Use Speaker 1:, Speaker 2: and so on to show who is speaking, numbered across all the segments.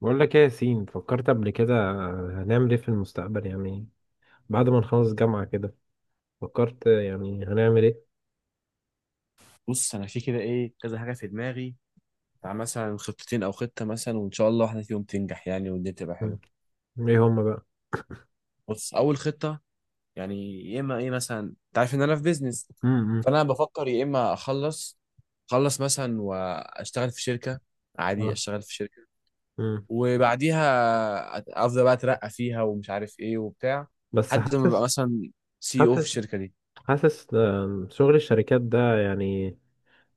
Speaker 1: بقول لك ايه يا ياسين؟ فكرت قبل كده هنعمل ايه في المستقبل يعني؟ بعد ما نخلص جامعة كده فكرت يعني هنعمل ايه؟
Speaker 2: بص، انا في كده ايه كذا حاجه في دماغي، بتاع مثلا خطتين او خطه، مثلا وان شاء الله واحده فيهم تنجح يعني والدنيا تبقى
Speaker 1: مم.
Speaker 2: حلوه.
Speaker 1: ايه هما بقى؟
Speaker 2: بص، اول خطه، يعني يا اما ايه مثلا انت عارف ان انا في بيزنس.
Speaker 1: امم
Speaker 2: فانا بفكر يا اما اخلص مثلا واشتغل في شركه، عادي
Speaker 1: اه
Speaker 2: اشتغل في شركه،
Speaker 1: امم
Speaker 2: وبعديها افضل بقى اترقى فيها ومش عارف ايه وبتاع،
Speaker 1: بس
Speaker 2: لحد ما ابقى مثلا سي او في
Speaker 1: حاسس
Speaker 2: الشركه دي.
Speaker 1: حاسس، شغل الشركات ده يعني،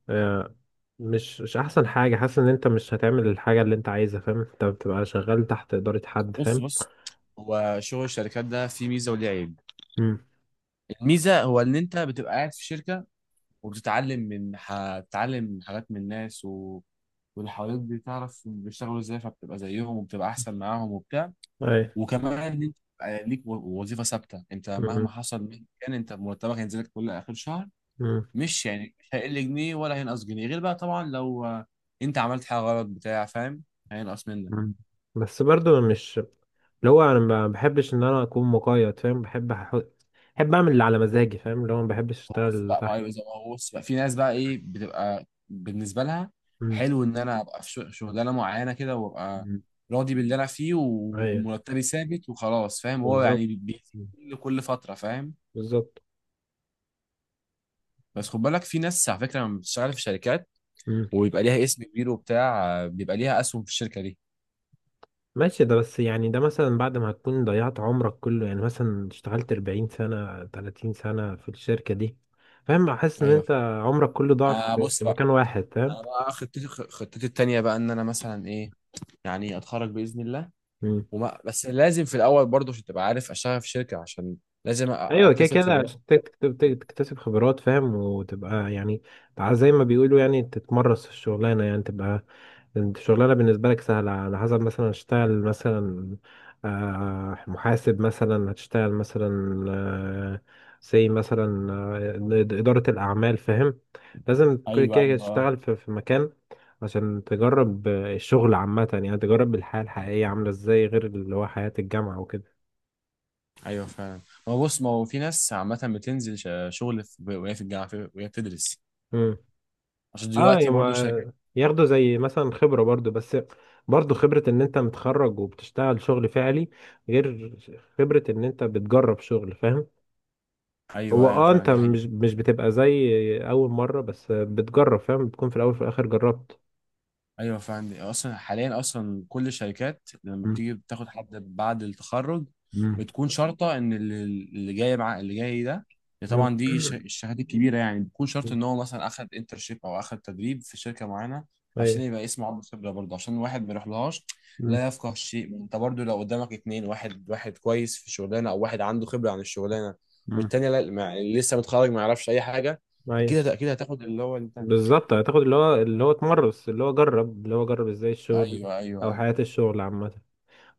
Speaker 1: آه، مش احسن حاجة. حاسس ان انت مش هتعمل الحاجة اللي انت عايزها، فاهم؟ انت بتبقى شغال تحت إدارة حد،
Speaker 2: بص
Speaker 1: فاهم؟
Speaker 2: بص هو شغل الشركات ده فيه ميزه وليه عيب.
Speaker 1: امم
Speaker 2: الميزه هو ان انت بتبقى قاعد في شركه وبتتعلم، هتتعلم من حاجات من الناس و. واللي حواليك بتعرف بيشتغلوا ازاي فبتبقى زيهم وبتبقى احسن معاهم وبتاع. وكمان ان انت بقى ليك وظيفه ثابته، انت مهما حصل مهما كان انت مرتبك هينزل لك كل اخر شهر.
Speaker 1: اي.
Speaker 2: مش يعني مش هيقل جنيه ولا هينقص جنيه، غير بقى طبعا لو انت عملت حاجه غلط بتاع فاهم، هينقص منك.
Speaker 1: مم. بس برضو مش اللي هو انا ما بحبش ان انا اكون مقيد، فاهم؟ بحب اعمل اللي على مزاجي، فاهم؟ اللي هو ما بحبش
Speaker 2: هو بص
Speaker 1: اشتغل
Speaker 2: بقى، ما
Speaker 1: تحت.
Speaker 2: هو زي ما هو، بص بقى في ناس بقى ايه بتبقى بالنسبه لها
Speaker 1: مم.
Speaker 2: حلو ان انا ابقى في شغلانه معينه كده، وابقى
Speaker 1: مم.
Speaker 2: راضي باللي انا فيه
Speaker 1: ايوه،
Speaker 2: ومرتبي ثابت وخلاص فاهم، هو
Speaker 1: بالظبط.
Speaker 2: يعني
Speaker 1: مم.
Speaker 2: كل فتره فاهم.
Speaker 1: بالظبط.
Speaker 2: بس خد بالك، في ناس على فكره لما بتشتغل في شركات
Speaker 1: مم.
Speaker 2: وبيبقى ليها اسم كبير وبتاع، بيبقى ليها اسهم في الشركه دي.
Speaker 1: ماشي، ده بس يعني ده مثلا بعد ما هتكون ضيعت عمرك كله، يعني مثلا اشتغلت 40 سنة 30 سنة في الشركة دي، فاهم؟ احس ان
Speaker 2: ايوه،
Speaker 1: انت عمرك كله ضاع في
Speaker 2: بص
Speaker 1: في
Speaker 2: بقى،
Speaker 1: مكان واحد، فاهم؟
Speaker 2: انا بقى خطتي التانيه بقى، ان انا مثلا ايه، يعني اتخرج باذن الله. وما بس لازم في الاول برضه عشان تبقى عارف، اشتغل في شركه عشان لازم
Speaker 1: ايوه، كده
Speaker 2: اكتسب
Speaker 1: كده
Speaker 2: خبرات.
Speaker 1: عشان تكتسب خبرات، فاهم؟ وتبقى يعني تبقى زي ما بيقولوا، يعني تتمرس في الشغلانه، يعني تبقى انت الشغلانه بالنسبه لك سهله. على حسب مثلا هتشتغل مثلا محاسب، مثلا هتشتغل مثلا زي مثلا اداره الاعمال، فاهم؟ لازم كل
Speaker 2: ايوه
Speaker 1: كده كده
Speaker 2: ايوه آه.
Speaker 1: تشتغل في مكان عشان تجرب الشغل عامه، يعني تجرب الحياه الحقيقيه عامله ازاي، غير اللي هو حياه الجامعه وكده.
Speaker 2: ايوه فعلا، ما هو بص، ما هو في ناس عامه بتنزل شغل وهي في الجامعه، وهي بتدرس، عشان
Speaker 1: اه،
Speaker 2: دلوقتي برضه الشركات.
Speaker 1: يما ياخدوا زي مثلا خبرة برضو، بس برضو خبرة ان انت متخرج وبتشتغل شغل فعلي، غير خبرة ان انت بتجرب شغل، فاهم؟ هو
Speaker 2: ايوه ايوه
Speaker 1: اه انت
Speaker 2: فعلا، دي حقيقه.
Speaker 1: مش بتبقى زي اول مرة بس بتجرب، فاهم؟ بتكون في الاول وفي الاخر جربت.
Speaker 2: ايوه فعلا، اصلا حاليا اصلا كل الشركات لما
Speaker 1: مم.
Speaker 2: بتيجي بتاخد حد بعد التخرج،
Speaker 1: مم.
Speaker 2: بتكون شرطه ان اللي جاي مع اللي جاي ده،
Speaker 1: مم.
Speaker 2: طبعا دي الشهادات الكبيره، يعني بتكون شرط
Speaker 1: مم.
Speaker 2: ان هو مثلا اخد انترشيب او اخد تدريب في شركه معينه، عشان
Speaker 1: ايوه.
Speaker 2: يبقى اسمه عنده خبره برضه، عشان واحد ما يروحلهاش
Speaker 1: مم.
Speaker 2: لا يفقه شيء. انت برضه لو قدامك اتنين، واحد كويس في الشغلانه او واحد عنده خبره عن الشغلانه،
Speaker 1: مم.
Speaker 2: والتاني لا، لسه متخرج ما يعرفش اي حاجه،
Speaker 1: ايوه،
Speaker 2: اكيد اكيد هتاخد اللي هو انت.
Speaker 1: بالظبط. هتاخد اللي هو اللي هو اتمرس، اللي هو جرب، اللي هو جرب ازاي الشغل
Speaker 2: ايوه ايوه
Speaker 1: او
Speaker 2: ايوه.
Speaker 1: حياة الشغل عامة.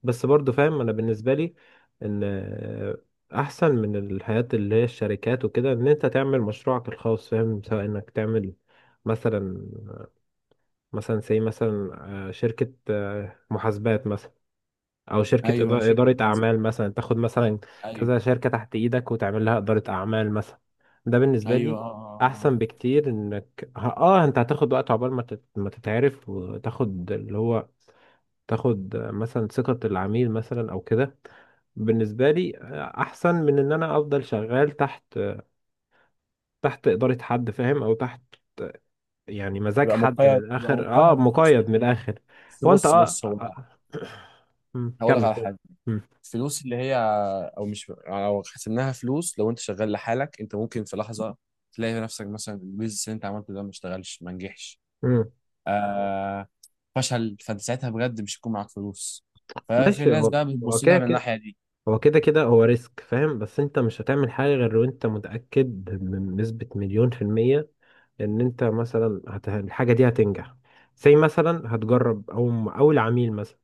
Speaker 1: بس برضو فاهم، انا بالنسبه لي ان احسن من الحياه اللي هي الشركات وكده ان انت تعمل مشروعك الخاص، فاهم؟ سواء انك تعمل مثلا زي مثلا شركه محاسبات مثلا، او شركه
Speaker 2: ايوه شركه.
Speaker 1: اداره اعمال مثلا، تاخد مثلا
Speaker 2: ايوه
Speaker 1: كذا شركه تحت ايدك وتعمل لها اداره اعمال مثلا. ده بالنسبه
Speaker 2: ايوه
Speaker 1: لي
Speaker 2: اه اه اه.
Speaker 1: احسن بكتير. انك ه- اه انت هتاخد وقت عقبال ما تتعرف وتاخد اللي هو تاخد مثلا ثقة العميل مثلا او كده. بالنسبة لي احسن من ان انا افضل شغال تحت ادارة حد، فاهم؟ او تحت يعني مزاج
Speaker 2: بيبقى
Speaker 1: حد من
Speaker 2: مقيد، بيبقى
Speaker 1: الاخر، اه
Speaker 2: مقيد بفلوس من
Speaker 1: مقيد من
Speaker 2: الناس.
Speaker 1: الاخر.
Speaker 2: بس
Speaker 1: هو انت
Speaker 2: بص
Speaker 1: اه
Speaker 2: بص هو،
Speaker 1: آه. مم،
Speaker 2: هقول لك
Speaker 1: كمل
Speaker 2: على
Speaker 1: كمل.
Speaker 2: حاجه.
Speaker 1: مم،
Speaker 2: الفلوس اللي هي، او مش يعني لو حسبناها فلوس، لو انت شغال لحالك، انت ممكن في لحظه تلاقي نفسك مثلا البيزنس اللي انت عملته ده ما اشتغلش ما نجحش،
Speaker 1: مم.
Speaker 2: آه فشل، فانت ساعتها بجد مش هيكون معاك فلوس، ففي
Speaker 1: ماشي،
Speaker 2: ناس
Speaker 1: هو
Speaker 2: بقى
Speaker 1: هو
Speaker 2: بتبص لها
Speaker 1: كده
Speaker 2: من
Speaker 1: كده،
Speaker 2: الناحيه دي.
Speaker 1: هو ريسك، فاهم؟ بس انت مش هتعمل حاجة غير وانت متأكد بنسبة مليون في المية ان انت مثلا الحاجة دي هتنجح. زي مثلا هتجرب او اول عميل مثلا،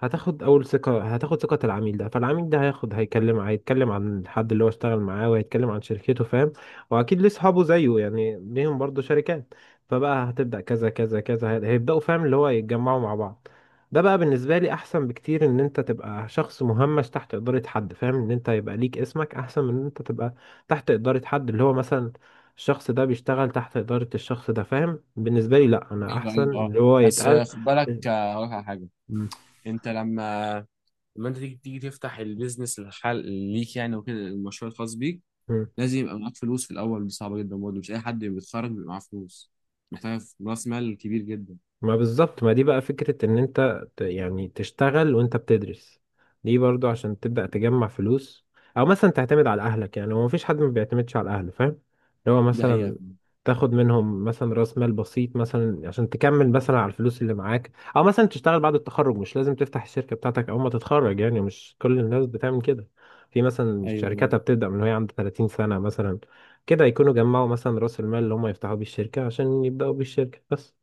Speaker 1: هتاخد اول ثقة، هتاخد ثقة العميل ده. فالعميل ده هياخد، هيكلم، هيتكلم عن الحد اللي هو اشتغل معاه، وهيتكلم عن شركته، فاهم؟ واكيد ليه اصحابه زيه يعني ليهم برضه شركات. فبقى هتبدأ كذا كذا كذا هيبدأوا، فاهم؟ اللي هو يتجمعوا مع بعض. ده بقى بالنسبة لي أحسن بكتير إن أنت تبقى شخص مهمش تحت إدارة حد، فاهم؟ إن أنت يبقى ليك اسمك أحسن من إن أنت تبقى تحت إدارة حد اللي هو مثلا الشخص ده بيشتغل تحت إدارة الشخص ده، فاهم؟ بالنسبة لي لأ، أنا
Speaker 2: ايوه
Speaker 1: أحسن
Speaker 2: ايوه اه.
Speaker 1: اللي هو
Speaker 2: بس
Speaker 1: يتقال.
Speaker 2: خد بالك، هقول لك على حاجه.
Speaker 1: مم.
Speaker 2: انت لما انت تيجي تفتح البيزنس الحال ليك يعني وكده، المشروع الخاص بيك لازم يبقى معاك فلوس في الاول، دي صعبه جدا برضه، مش اي حد بيتخرج بيبقى معاه فلوس، محتاج راس مال كبير جدا.
Speaker 1: ما بالظبط، ما دي بقى فكرة ان انت يعني تشتغل وانت بتدرس. دي برضو عشان تبدأ تجمع فلوس، او مثلا تعتمد على اهلك. يعني هو مفيش حد ما بيعتمدش على اهله، فاهم؟ اللي هو
Speaker 2: دي حقيقة.
Speaker 1: مثلا تاخد منهم مثلا راس مال بسيط مثلا عشان تكمل مثلا على الفلوس اللي معاك، او مثلا تشتغل بعد التخرج. مش لازم تفتح الشركة بتاعتك اول ما تتخرج، يعني مش كل الناس بتعمل كده. في مثلا
Speaker 2: أيوة.
Speaker 1: شركاتها بتبدأ من وهي عند 30 سنة مثلا، كده يكونوا جمعوا مثلا راس المال اللي هم يفتحوا بيه الشركة عشان يبدأوا بيه الشركة بس.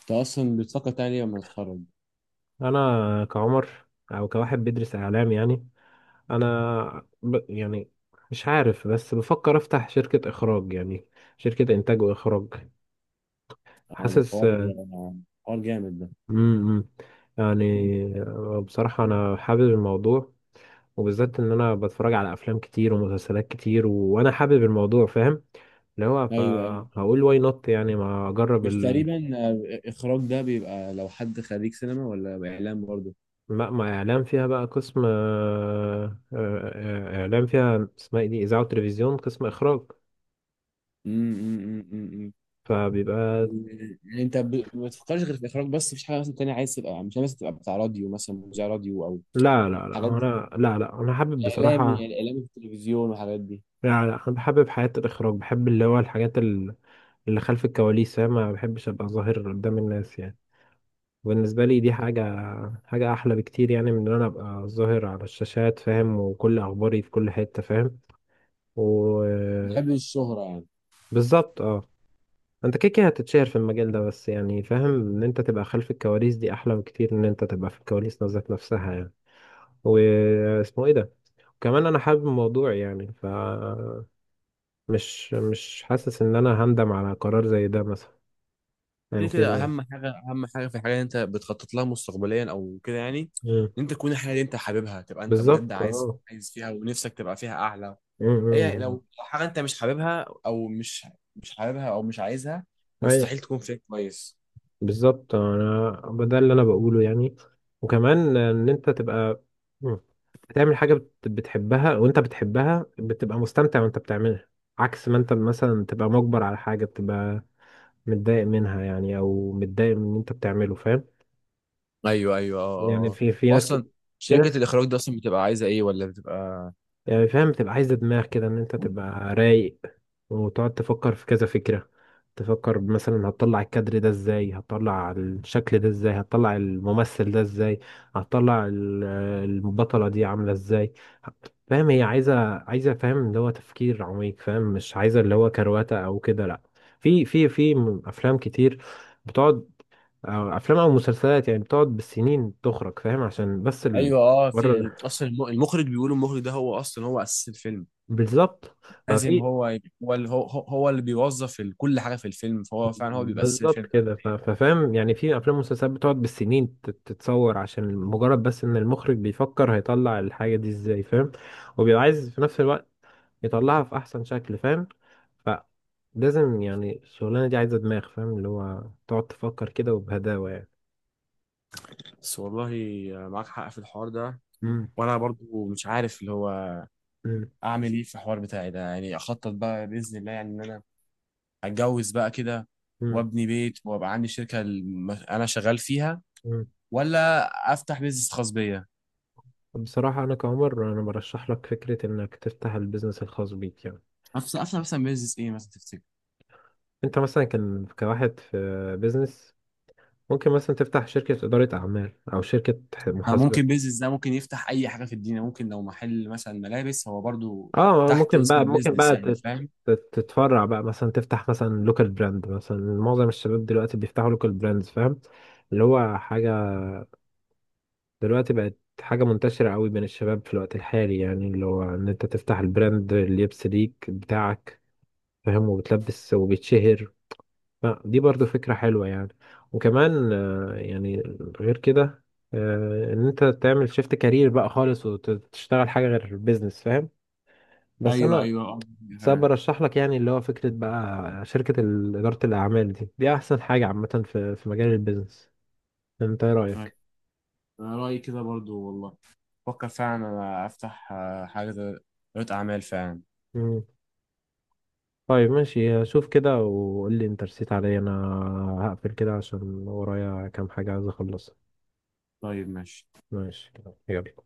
Speaker 2: أنت أصلا بتفكر تاني لما تتخرج؟
Speaker 1: انا كعمر او كواحد بيدرس اعلام يعني، يعني مش عارف، بس بفكر افتح شركة اخراج يعني، شركة انتاج واخراج.
Speaker 2: ده
Speaker 1: حاسس.
Speaker 2: حوار، آه، حوار جامد ده.
Speaker 1: امم يعني
Speaker 2: مم.
Speaker 1: بصراحة انا حابب الموضوع، وبالذات ان انا بتفرج على افلام كتير ومسلسلات كتير وانا حابب الموضوع، فاهم؟ اللي هو
Speaker 2: أيوة أيوة.
Speaker 1: فهقول واي نوت، يعني ما اجرب
Speaker 2: مش تقريبا إخراج ده بيبقى لو حد خريج سينما ولا إعلام برضه؟
Speaker 1: ما اعلام فيها بقى قسم آه، اعلام فيها اسمها ايه دي اذاعه وتلفزيون قسم اخراج،
Speaker 2: أمم، أمم، أمم، أمم.
Speaker 1: فبيبقى.
Speaker 2: يعني أنت ما بتفكرش غير في الإخراج بس؟ مفيش حاجة مثلا تانية عايز تبقى، مش عايز تبقى بتاع راديو مثلا، مذيع راديو أو
Speaker 1: لا لا لا،
Speaker 2: حاجات دي،
Speaker 1: انا حابب بصراحة.
Speaker 2: إعلامي في التلفزيون والحاجات دي؟
Speaker 1: لا لا انا بحبب حياة الاخراج، بحب اللي هو الحاجات اللي خلف الكواليس، فاهم؟ ما بحبش ابقى ظاهر قدام الناس يعني. بالنسبة لي دي
Speaker 2: آه.
Speaker 1: حاجة احلى بكتير، يعني من ان انا ابقى ظاهر على الشاشات، فاهم؟ وكل اخباري في كل حتة، فاهم؟ وبالظبط.
Speaker 2: بحب الشهرة يعني.
Speaker 1: اه، انت كده كده هتتشهر في المجال ده بس، يعني فاهم ان انت تبقى خلف الكواليس دي احلى بكتير ان انت تبقى في الكواليس ذات نفسها يعني. واسمه ايه ده، كمان انا حابب الموضوع يعني ف مش حاسس ان انا هندم على قرار زي ده مثلا
Speaker 2: كده
Speaker 1: او
Speaker 2: كده
Speaker 1: كده.
Speaker 2: اهم حاجه، اهم حاجه في الحاجه اللي انت بتخطط لها مستقبليا او كده يعني،
Speaker 1: مم.
Speaker 2: ان انت تكون الحاجه اللي انت حاببها تبقى انت بجد
Speaker 1: بالظبط.
Speaker 2: عايز
Speaker 1: اه.
Speaker 2: عايز فيها، ونفسك تبقى فيها اعلى.
Speaker 1: مم،
Speaker 2: هي
Speaker 1: مم.
Speaker 2: لو حاجه انت مش حاببها، او مش حاببها، او مش عايزها،
Speaker 1: ايوه،
Speaker 2: مستحيل تكون فيها كويس.
Speaker 1: بالظبط. انا ده اللي انا بقوله يعني، وكمان ان انت تبقى. مم. بتعمل حاجه بتحبها، وانت بتحبها بتبقى مستمتع وانت بتعملها، عكس ما انت مثلا تبقى مجبر على حاجه بتبقى متضايق منها يعني، او متضايق من اللي انت بتعمله، فاهم؟
Speaker 2: ايوه ايوه اه
Speaker 1: يعني
Speaker 2: اه.
Speaker 1: في ناس كده،
Speaker 2: واصلا
Speaker 1: في
Speaker 2: شركه
Speaker 1: ناس
Speaker 2: الاخراج دي اصلا بتبقى عايزه ايه، ولا بتبقى؟
Speaker 1: يعني فاهم بتبقى عايزة دماغ كده، ان انت تبقى رايق وتقعد تفكر في كذا فكرة. تفكر مثلا هتطلع الكادر ده ازاي، هتطلع الشكل ده ازاي، هتطلع الممثل ده ازاي، هتطلع البطلة دي عاملة ازاي، فاهم؟ هي عايزة فاهم اللي هو تفكير عميق، فاهم؟ مش عايزة اللي هو كرواتة او كده، لا. في افلام كتير بتقعد، أو افلام او مسلسلات يعني بتقعد بالسنين تخرج، فاهم؟ عشان بس
Speaker 2: ايوه اه،
Speaker 1: المرة
Speaker 2: في
Speaker 1: ده.
Speaker 2: اصلا المخرج، بيقولوا المخرج ده هو اصلا هو اساس الفيلم،
Speaker 1: بالظبط
Speaker 2: لازم
Speaker 1: ففي،
Speaker 2: هو اللي بيوظف كل حاجه في الفيلم، فهو فعلا هو بيبقى اساس
Speaker 1: بالظبط
Speaker 2: الفيلم.
Speaker 1: كده ففاهم يعني. في افلام ومسلسلات بتقعد بالسنين تتصور، عشان مجرد بس ان المخرج بيفكر هيطلع الحاجه دي ازاي، فاهم؟ وبيبقى عايز في نفس الوقت يطلعها في احسن شكل، فاهم؟ فلازم يعني الشغلانه دي عايزه دماغ، فاهم؟ اللي هو تقعد تفكر كده وبهداوه يعني.
Speaker 2: بس والله معاك حق في الحوار ده،
Speaker 1: مم.
Speaker 2: وانا برضو مش عارف اللي هو
Speaker 1: مم.
Speaker 2: اعمل ايه في الحوار بتاعي ده، يعني اخطط بقى باذن الله يعني ان انا اتجوز بقى كده
Speaker 1: مم.
Speaker 2: وابني بيت، وابقى عندي شركه انا شغال فيها،
Speaker 1: مم.
Speaker 2: ولا افتح بيزنس خاص بيا.
Speaker 1: بصراحه انا كعمر برشح لك فكره انك تفتح البيزنس الخاص بيك يعني.
Speaker 2: افتح مثلا بيزنس ايه مثلا تفتكر؟
Speaker 1: انت مثلا كان كواحد في بيزنس، ممكن مثلا تفتح شركة إدارة أعمال أو شركة محاسبة.
Speaker 2: ممكن بيزنس ده ممكن يفتح اي حاجه في الدنيا، ممكن لو محل مثلا ملابس هو برضو
Speaker 1: اه
Speaker 2: تحت
Speaker 1: ممكن
Speaker 2: اسم
Speaker 1: بقى
Speaker 2: البيزنس يعني فاهم.
Speaker 1: تتفرع بقى، مثلا تفتح مثلا لوكال براند. مثلا معظم الشباب دلوقتي بيفتحوا لوكال براندز، فاهم؟ اللي هو حاجة دلوقتي بقت حاجة منتشرة قوي بين الشباب في الوقت الحالي، يعني اللي هو إن أنت تفتح البراند اللي يبس ليك بتاعك، فاهم؟ وبتلبس وبيتشهر. فدي برضو فكرة حلوة يعني. وكمان يعني غير كده، ان انت تعمل شيفت كارير بقى خالص وتشتغل حاجة غير البيزنس، فاهم؟ بس
Speaker 2: ايوه
Speaker 1: انا
Speaker 2: ايوه
Speaker 1: سبب
Speaker 2: آه.
Speaker 1: برشح لك يعني اللي هو فكرة بقى شركة إدارة الأعمال دي، أحسن حاجة عامة في مجال البيزنس. انت ايه
Speaker 2: أيوة.
Speaker 1: رأيك؟
Speaker 2: أنا رأيي كده برضو والله، فكر فعلا أنا أفتح حاجة ريادة أعمال فعلا.
Speaker 1: مم. طيب ماشي، شوف كده وقول لي انت رسيت عليا انا. هقفل كده عشان ورايا كام حاجة عايز اخلصها.
Speaker 2: طيب ماشي.
Speaker 1: ماشي كده، يلا